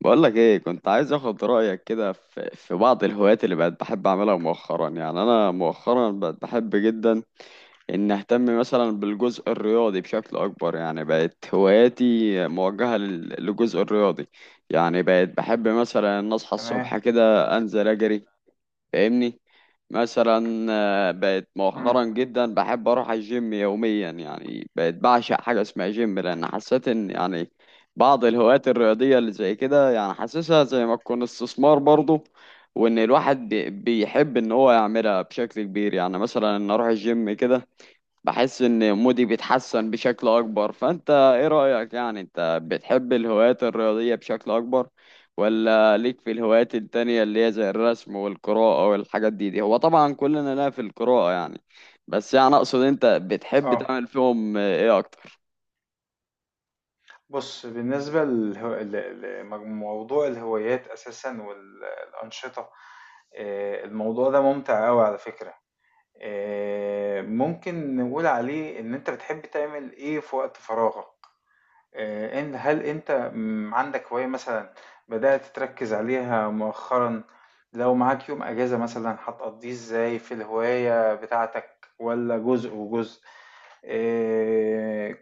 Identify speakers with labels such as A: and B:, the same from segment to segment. A: بقولك ايه، كنت عايز اخد رأيك كده في بعض الهوايات اللي بقت بحب اعملها مؤخرا. يعني انا مؤخرا بقت بحب جدا ان اهتم مثلا بالجزء الرياضي بشكل اكبر، يعني بقت هواياتي موجهة للجزء الرياضي. يعني بقت بحب مثلا ان اصحى الصبح
B: تمام.
A: كده انزل اجري، فاهمني؟ مثلا بقت مؤخرا
B: إمم.
A: جدا بحب اروح الجيم يوميا، يعني بقت بعشق حاجه اسمها جيم، لان حسيت ان يعني بعض الهوايات الرياضيه اللي زي كده، يعني حاسسها زي ما تكون استثمار برضه، وان الواحد بيحب ان هو يعملها بشكل كبير. يعني مثلا ان اروح الجيم كده، بحس ان مودي بيتحسن بشكل اكبر. فانت ايه رأيك؟ يعني انت بتحب الهوايات الرياضية بشكل اكبر، ولا ليك في الهوايات التانية اللي هي زي الرسم والقراءة والحاجات دي؟ دي هو طبعا كلنا لا في القراءة يعني، بس يعني اقصد انت بتحب
B: آه.
A: تعمل فيهم ايه اكتر؟
B: بُص، بالنسبة للهو ل لموضوع الهوايات أساسًا الأنشطة، الموضوع ده مُمتع أوي على فكرة. ممكن نقول عليه إن أنت بتحب تعمل إيه في وقت فراغك. إن هل أنت عندك هواية مثلًا بدأت تركّز عليها مؤخرًا؟ لو معاك يوم أجازة مثلًا هتقضّيه إزاي في الهواية بتاعتك والّا جزء وجزء؟ آآ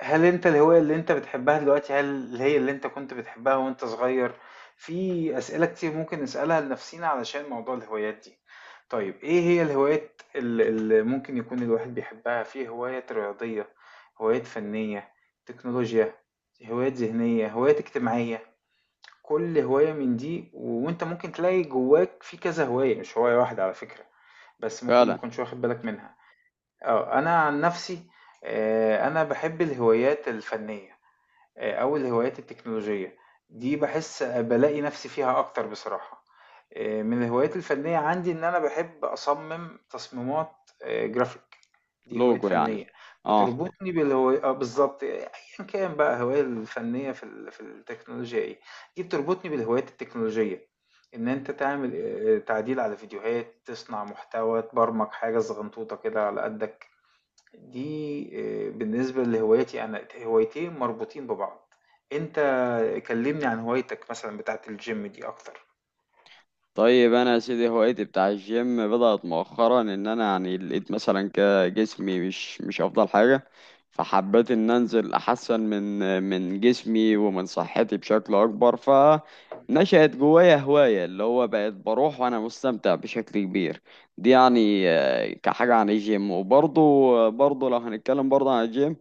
B: هل انت الهواية اللي انت بتحبها دلوقتي؟ هل هي اللي انت كنت بتحبها وانت صغير؟ في اسئلة كتير ممكن نسألها لنفسينا علشان موضوع الهوايات دي. طيب ايه هي الهوايات اللي ممكن يكون الواحد بيحبها؟ في هوايات رياضية، هوايات فنية، تكنولوجيا، هوايات ذهنية، هوايات اجتماعية. كل هواية من دي وانت ممكن تلاقي جواك في كذا هواية، مش هواية واحدة على فكرة، بس ممكن ما
A: فعلا.
B: تكونش واخد بالك منها. اه، انا عن نفسي آه، انا بحب الهوايات الفنية، أو الهوايات التكنولوجية، دي باحس بالاقي نفسي فيها أكتر بصراحة. من الهوايات الفنية عندي إن أنا باحب أصمم تصميمات graphic، دي هواية
A: لوجو يعني.
B: فنية،
A: اه.
B: بتربطني بالهواي آه بالضبط، أيًا كان بقى الهواية الفنية في التكنولوجيا إيه، دي بتربطني بالهوايات التكنولوجية، إن أنت تعمل تعديل على فيديوهات، تصنع محتوى، تبرمج حاجة صغنطوطة كده على قدك. دي بالنسبة لهوايتي أنا، هوايتين مربوطين ببعض. أنت كلّمني عن هوايتك مثلًا بتاعة الgym دي أكتر.
A: طيب انا يا سيدي هوايتي بتاع الجيم بدأت مؤخرا، ان انا يعني لقيت مثلا كده جسمي مش افضل حاجة، فحبيت ان انزل احسن من جسمي ومن صحتي بشكل اكبر. فنشأت جوايا هواية اللي هو بقيت بروح وانا مستمتع بشكل كبير. دي يعني كحاجة عن الجيم، وبرضه برضه لو هنتكلم برضه عن الجيم،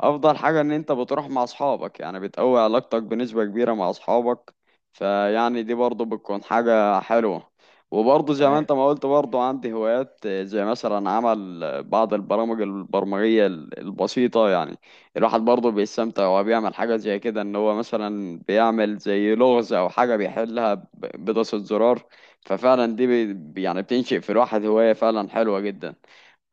A: افضل حاجة ان انت بتروح مع اصحابك، يعني بتقوي علاقتك بنسبة كبيرة مع اصحابك، فيعني دي برضه بتكون حاجة حلوة. وبرضه زي ما
B: تمام.
A: انت ما قلت، برضه عندي هوايات زي مثلا عمل بعض البرامج البرمجية البسيطة. يعني الواحد برضه بيستمتع وهو بيعمل حاجة زي كده، ان هو مثلا بيعمل زي لغز او حاجة بيحلها بدوسة زرار. ففعلا دي يعني بتنشئ في الواحد هواية فعلا حلوة جدا.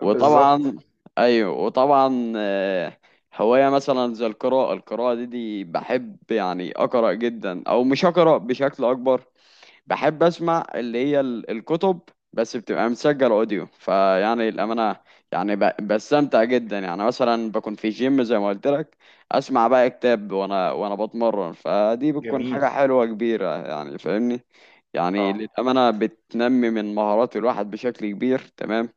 B: بالضبط.
A: وطبعا ايوه، وطبعا هوايه مثلا زي القراءه، القراءه دي بحب يعني اقرا جدا، او مش اقرا بشكل اكبر، بحب اسمع اللي هي الكتب، بس بتبقى مسجل اوديو. فيعني
B: إمم.
A: الامانه يعني بستمتع جدا، يعني مثلا بكون في جيم زي ما قلت لك، اسمع بقى كتاب وانا بتمرن، فدي بتكون
B: جميل.
A: حاجه حلوه كبيره. يعني فاهمني، يعني
B: آه.
A: للامانه بتنمي من مهارات الواحد بشكل كبير. تمام،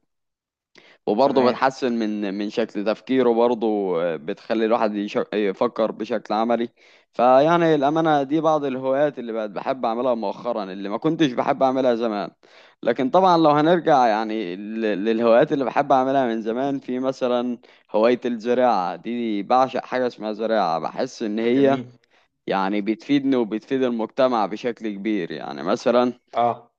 A: وبرضه
B: تمام.
A: بتحسن من شكل تفكيره برضه، بتخلي الواحد يفكر بشكل عملي. فيعني الأمانة دي بعض الهوايات اللي بقت بحب أعملها مؤخرا، اللي ما كنتش بحب أعملها زمان. لكن طبعا لو هنرجع يعني للهوايات اللي بحب أعملها من زمان، في مثلا هواية الزراعة، دي بعشق حاجة اسمها زراعة، بحس إن هي
B: جميل.
A: يعني بتفيدني وبتفيد المجتمع بشكل كبير. يعني مثلا
B: آه.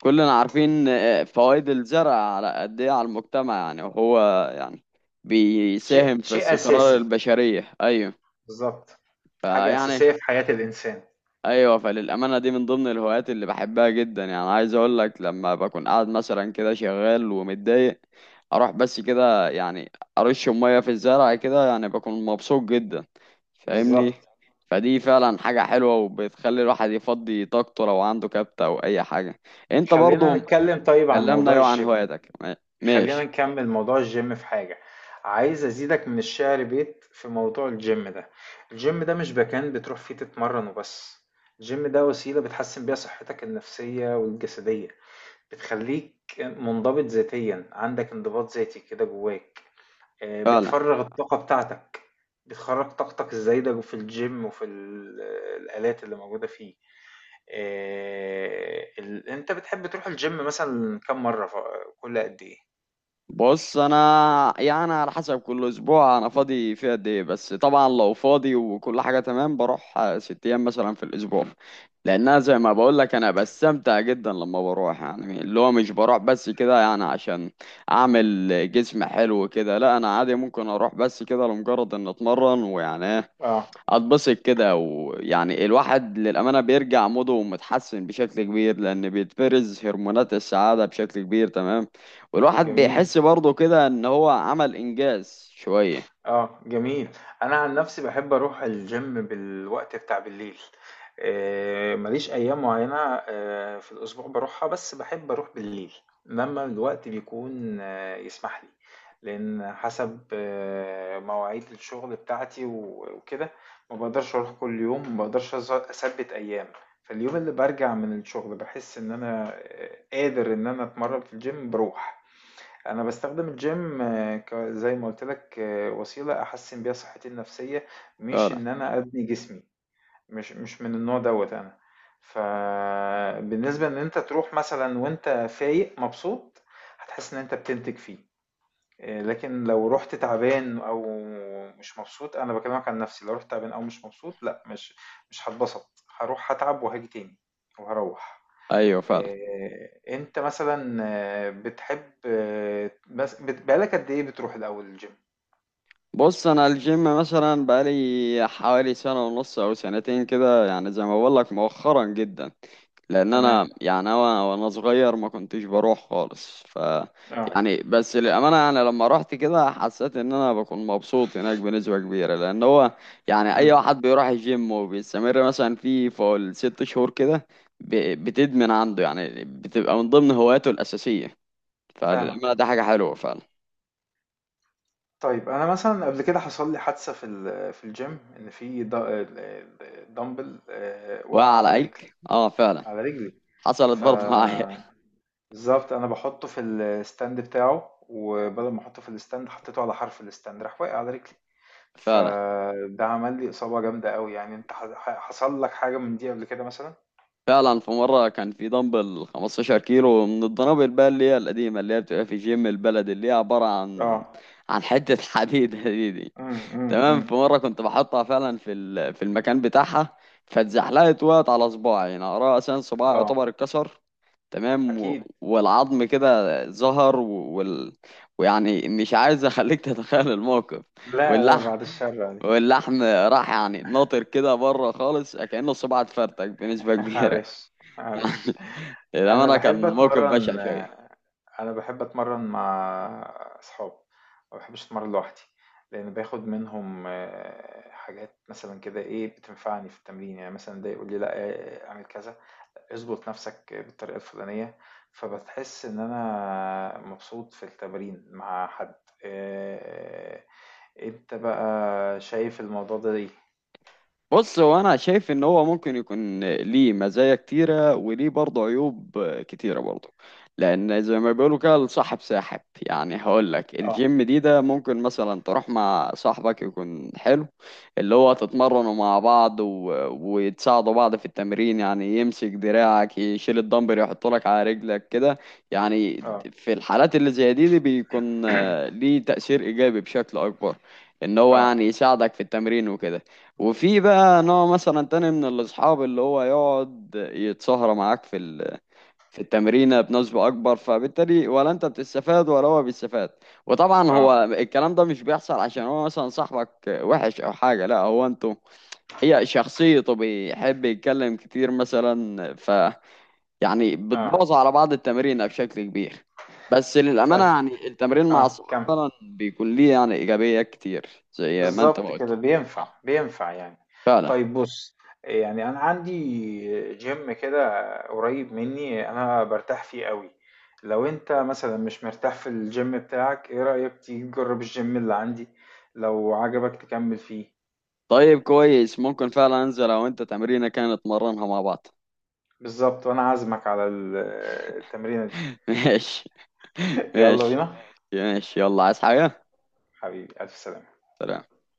A: كلنا عارفين فوائد الزرع على قد ايه على المجتمع، يعني وهو يعني بيساهم
B: شيء
A: في
B: شيء
A: استقرار
B: أساسي.
A: البشرية. ايوه،
B: بالضبط. حاجة
A: فيعني
B: أساسية في حياة الإنسان.
A: ايوه، فللأمانة دي من ضمن الهوايات اللي بحبها جدا. يعني عايز اقول لك، لما بكون قاعد مثلا كده شغال ومتضايق، اروح بس كده يعني ارش مية في الزرع كده، يعني بكون مبسوط جدا، فاهمني؟
B: بالضبط.
A: فدي فعلا حاجة حلوة، وبتخلي الواحد يفضي طاقته لو عنده كبت او اي حاجة. انت
B: خلّينا
A: برضو
B: نتكلّم طيب عن
A: كلمنا
B: موضوع
A: عن
B: الgym.
A: هواياتك
B: خلينا
A: ماشي؟
B: نكمل موضوع الجيم. في حاجة عايز ازيدك من الشعر بيت في موضوع الجيم ده. الجيم ده مش مكان بتروح فيه تتمرن وبس، الجيم ده وسيلة بتحسن بيها صحتك النفسية والجسدية. بتخليك منضبط ذاتيا، عندك انضباط ذاتي كده جواك، آه،
A: فعلا.
B: بتفرغ الطاقة بتاعتك، بتخرج طاقتك الزايدة في الجيم وفي الآلات اللي موجودة فيه. آه، انت بتحب تروح الجيم مثلا كم مرة كل قد ايه؟
A: بص انا يعني على حسب كل اسبوع انا فاضي فيه قد ايه، بس طبعا لو فاضي وكل حاجه تمام بروح 6 ايام مثلا في الاسبوع، لانها زي ما بقول لك انا بستمتع جدا لما بروح. يعني اللي هو مش بروح بس كده يعني عشان اعمل جسم حلو كده، لا انا عادي ممكن اروح بس كده لمجرد ان اتمرن، ويعني
B: اه.
A: اتبسط كده، ويعني الواحد للأمانة بيرجع موده متحسن بشكل كبير، لأن بيتفرز هرمونات السعادة بشكل كبير. تمام، والواحد
B: جميل.
A: بيحس برضه كده إن هو عمل إنجاز شوية.
B: آه، جميل. أنا عن نفسي باحب أروح الgym بالوقت بتاع بالليل. ما ليش أيام معيّنة في الأسبوع باروحها، بس باحب أروح بالليل، لمّا الوقت بيكون آه، يسمح لي. لإن حسب آه، مواعيد الشغل بتاعتي وكده، ما باقدرش أروح كل يوم، ما باقدرش أثبِّت أيام. فاليوم اللي بارجع من الشغل باحس إن أنا آه، قادر إن أنا أتمرّن في الgym باروح. انا بستخدم الجيم آه، زي ما قلت لك آه، وسيله احسن بيها صحتي النفسيه، مش
A: فعلا.
B: ان انا ابني جسمي، مش من النوع دوت انا. فبالنسبه ان انت تروح مثلا وانت فايق مبسوط هتحس ان انت بتنتج فيه، آه، لكن لو رحت تعبان او مش مبسوط، انا بكلمك عن نفسي، لو رحت تعبان او مش مبسوط، لا، مش هتبسط، هروح هتعب وهاجي تاني وهروح.
A: أيوه فعلا.
B: أنت مثلًا آه، بتحب آه، بس بقى لك قد إيه بتروح الأول الgym؟
A: بص أنا الجيم مثلا بقالي حوالي سنة ونص أو سنتين كده، يعني زي ما بقولك مؤخرا جدا، لان
B: تمام،
A: انا يعني انا وانا صغير ما كنتش بروح خالص. ف
B: آه،
A: يعني بس للامانه يعني لما رحت كده، حسيت ان انا بكون مبسوط هناك بنسبه كبيره، لان هو يعني
B: إمم،
A: اي واحد بيروح الجيم وبيستمر مثلا فيه فوق الست شهور كده، بتدمن عنده، يعني بتبقى من ضمن هواياته الاساسيه. فللامانه
B: فاهمك
A: ده
B: آه.
A: حاجه حلوه فعلا.
B: طيب أنا مثلًا قبل كده حصل لي حادثة في الgym، إن في د ال ال dumbbell وقع
A: وعلى
B: على رجلي
A: ايك؟ اه فعلا،
B: على رجلي،
A: حصلت
B: ف
A: برضه معايا.
B: بالضبط، أنا باحطه في الstand بتاعه، وبدل ما أحطه في الstand حطيته على حرف الstand راح واقع على رجلي،
A: فعلا.
B: فده عمل لي إصابة جامدة أوي يعني. أنت ح ح حصل لك حاجة من دي قبل كده مثلًا؟
A: فعلا في مرة كان في دمبل 15 كيلو من الدنابل بقى، اللي هي القديمة، اللي هي بتبقى في جيم البلد، اللي هي عبارة عن
B: آه.
A: عن حتة حديد. دي
B: إمم، إمم،
A: تمام. في
B: إمم.
A: مرة كنت بحطها فعلا في في المكان بتاعها، فاتزحلقت، وقعت على صباعي، يعني أقرأ أساسا صباعي
B: آه،
A: يعتبر اتكسر. تمام،
B: أكيد.
A: والعظم كده ظهر، ويعني مش عايز أخليك تتخيل الموقف.
B: لا، لا
A: واللحم
B: بعد الشر عليك.
A: واللحم راح يعني ناطر كده بره خالص، كأنه الصباع اتفرتك بنسبة كبيرة.
B: معلش، معلش. أنا
A: للأمانة
B: باحب
A: كان موقف بشع
B: أتمرّن،
A: شوية.
B: أنا باحب أتمرّن مع أصحابي، ما باحبش أتمرّن لوحدي، لإن باخد منهم آه، حاجات مثلًا كده إيه، بتنفعني في التمرين، يعني مثلًا ده يقول لي لأ اعمل كذا، اضبط نَفْسك بالطريقة الفُلانية، فبتحس إن أنا مبسوط في التمرين مع حد. آآ أنت بقى شايف الموضوع ده إيه؟
A: بص هو انا شايف ان هو ممكن يكون ليه مزايا كتيره، وليه برضه عيوب كتيره برضه. لان زي ما بيقولوا كده الصاحب ساحب، يعني هقول لك
B: آه.
A: الجيم دي، ده ممكن مثلا تروح مع صاحبك يكون حلو، اللي هو تتمرنوا مع بعض، وتساعدوا بعض في التمرين، يعني يمسك دراعك، يشيل الدمبل، يحط لك على رجلك كده. يعني
B: آه.
A: في الحالات اللي زي دي بيكون ليه تأثير ايجابي بشكل اكبر، ان هو
B: آه.
A: يعني يساعدك في التمرين وكده. وفي بقى نوع مثلا تاني من الأصحاب، اللي هو يقعد يتسهر معاك في في التمرينة بنسبة أكبر، فبالتالي ولا أنت بتستفاد ولا هو بيستفاد. وطبعا هو
B: آه.
A: الكلام ده مش بيحصل عشان هو مثلا صاحبك وحش أو حاجة، لا، هو أنتوا هي شخصيته بيحب يتكلم كتير مثلا، ف يعني
B: آه.
A: بتبوظ على بعض التمرينة بشكل كبير. بس للأمانة
B: طيب
A: يعني التمرين مع الصحاب
B: كم
A: فعلا بيكون ليه يعني إيجابيات كتير، زي ما أنت ما
B: بالظبط كده
A: قلت.
B: بينفع
A: آه،
B: بينفع يعني.
A: فعلا.
B: طيب بص، يعني أنا عندي جيم كده قريب مني أنا برتاح فيه قوي، لو أنت مثلا مش مرتاح في الجيم بتاعك إيه رأيك تيجي تجرب الجيم اللي عندي، لو عجبك تكمل فيه.
A: طيب كويس، ممكن فعلا انزل، او انت تمرينه كانت نتمرنها مع بعض.
B: بالظبط، وأنا عازمك على التمرينة دي.
A: ماشي.
B: يلا
A: ماشي.
B: بينا
A: ماشي، يلا، عايز حاجة؟
B: حبيبي، ألف سلامة.
A: سلام.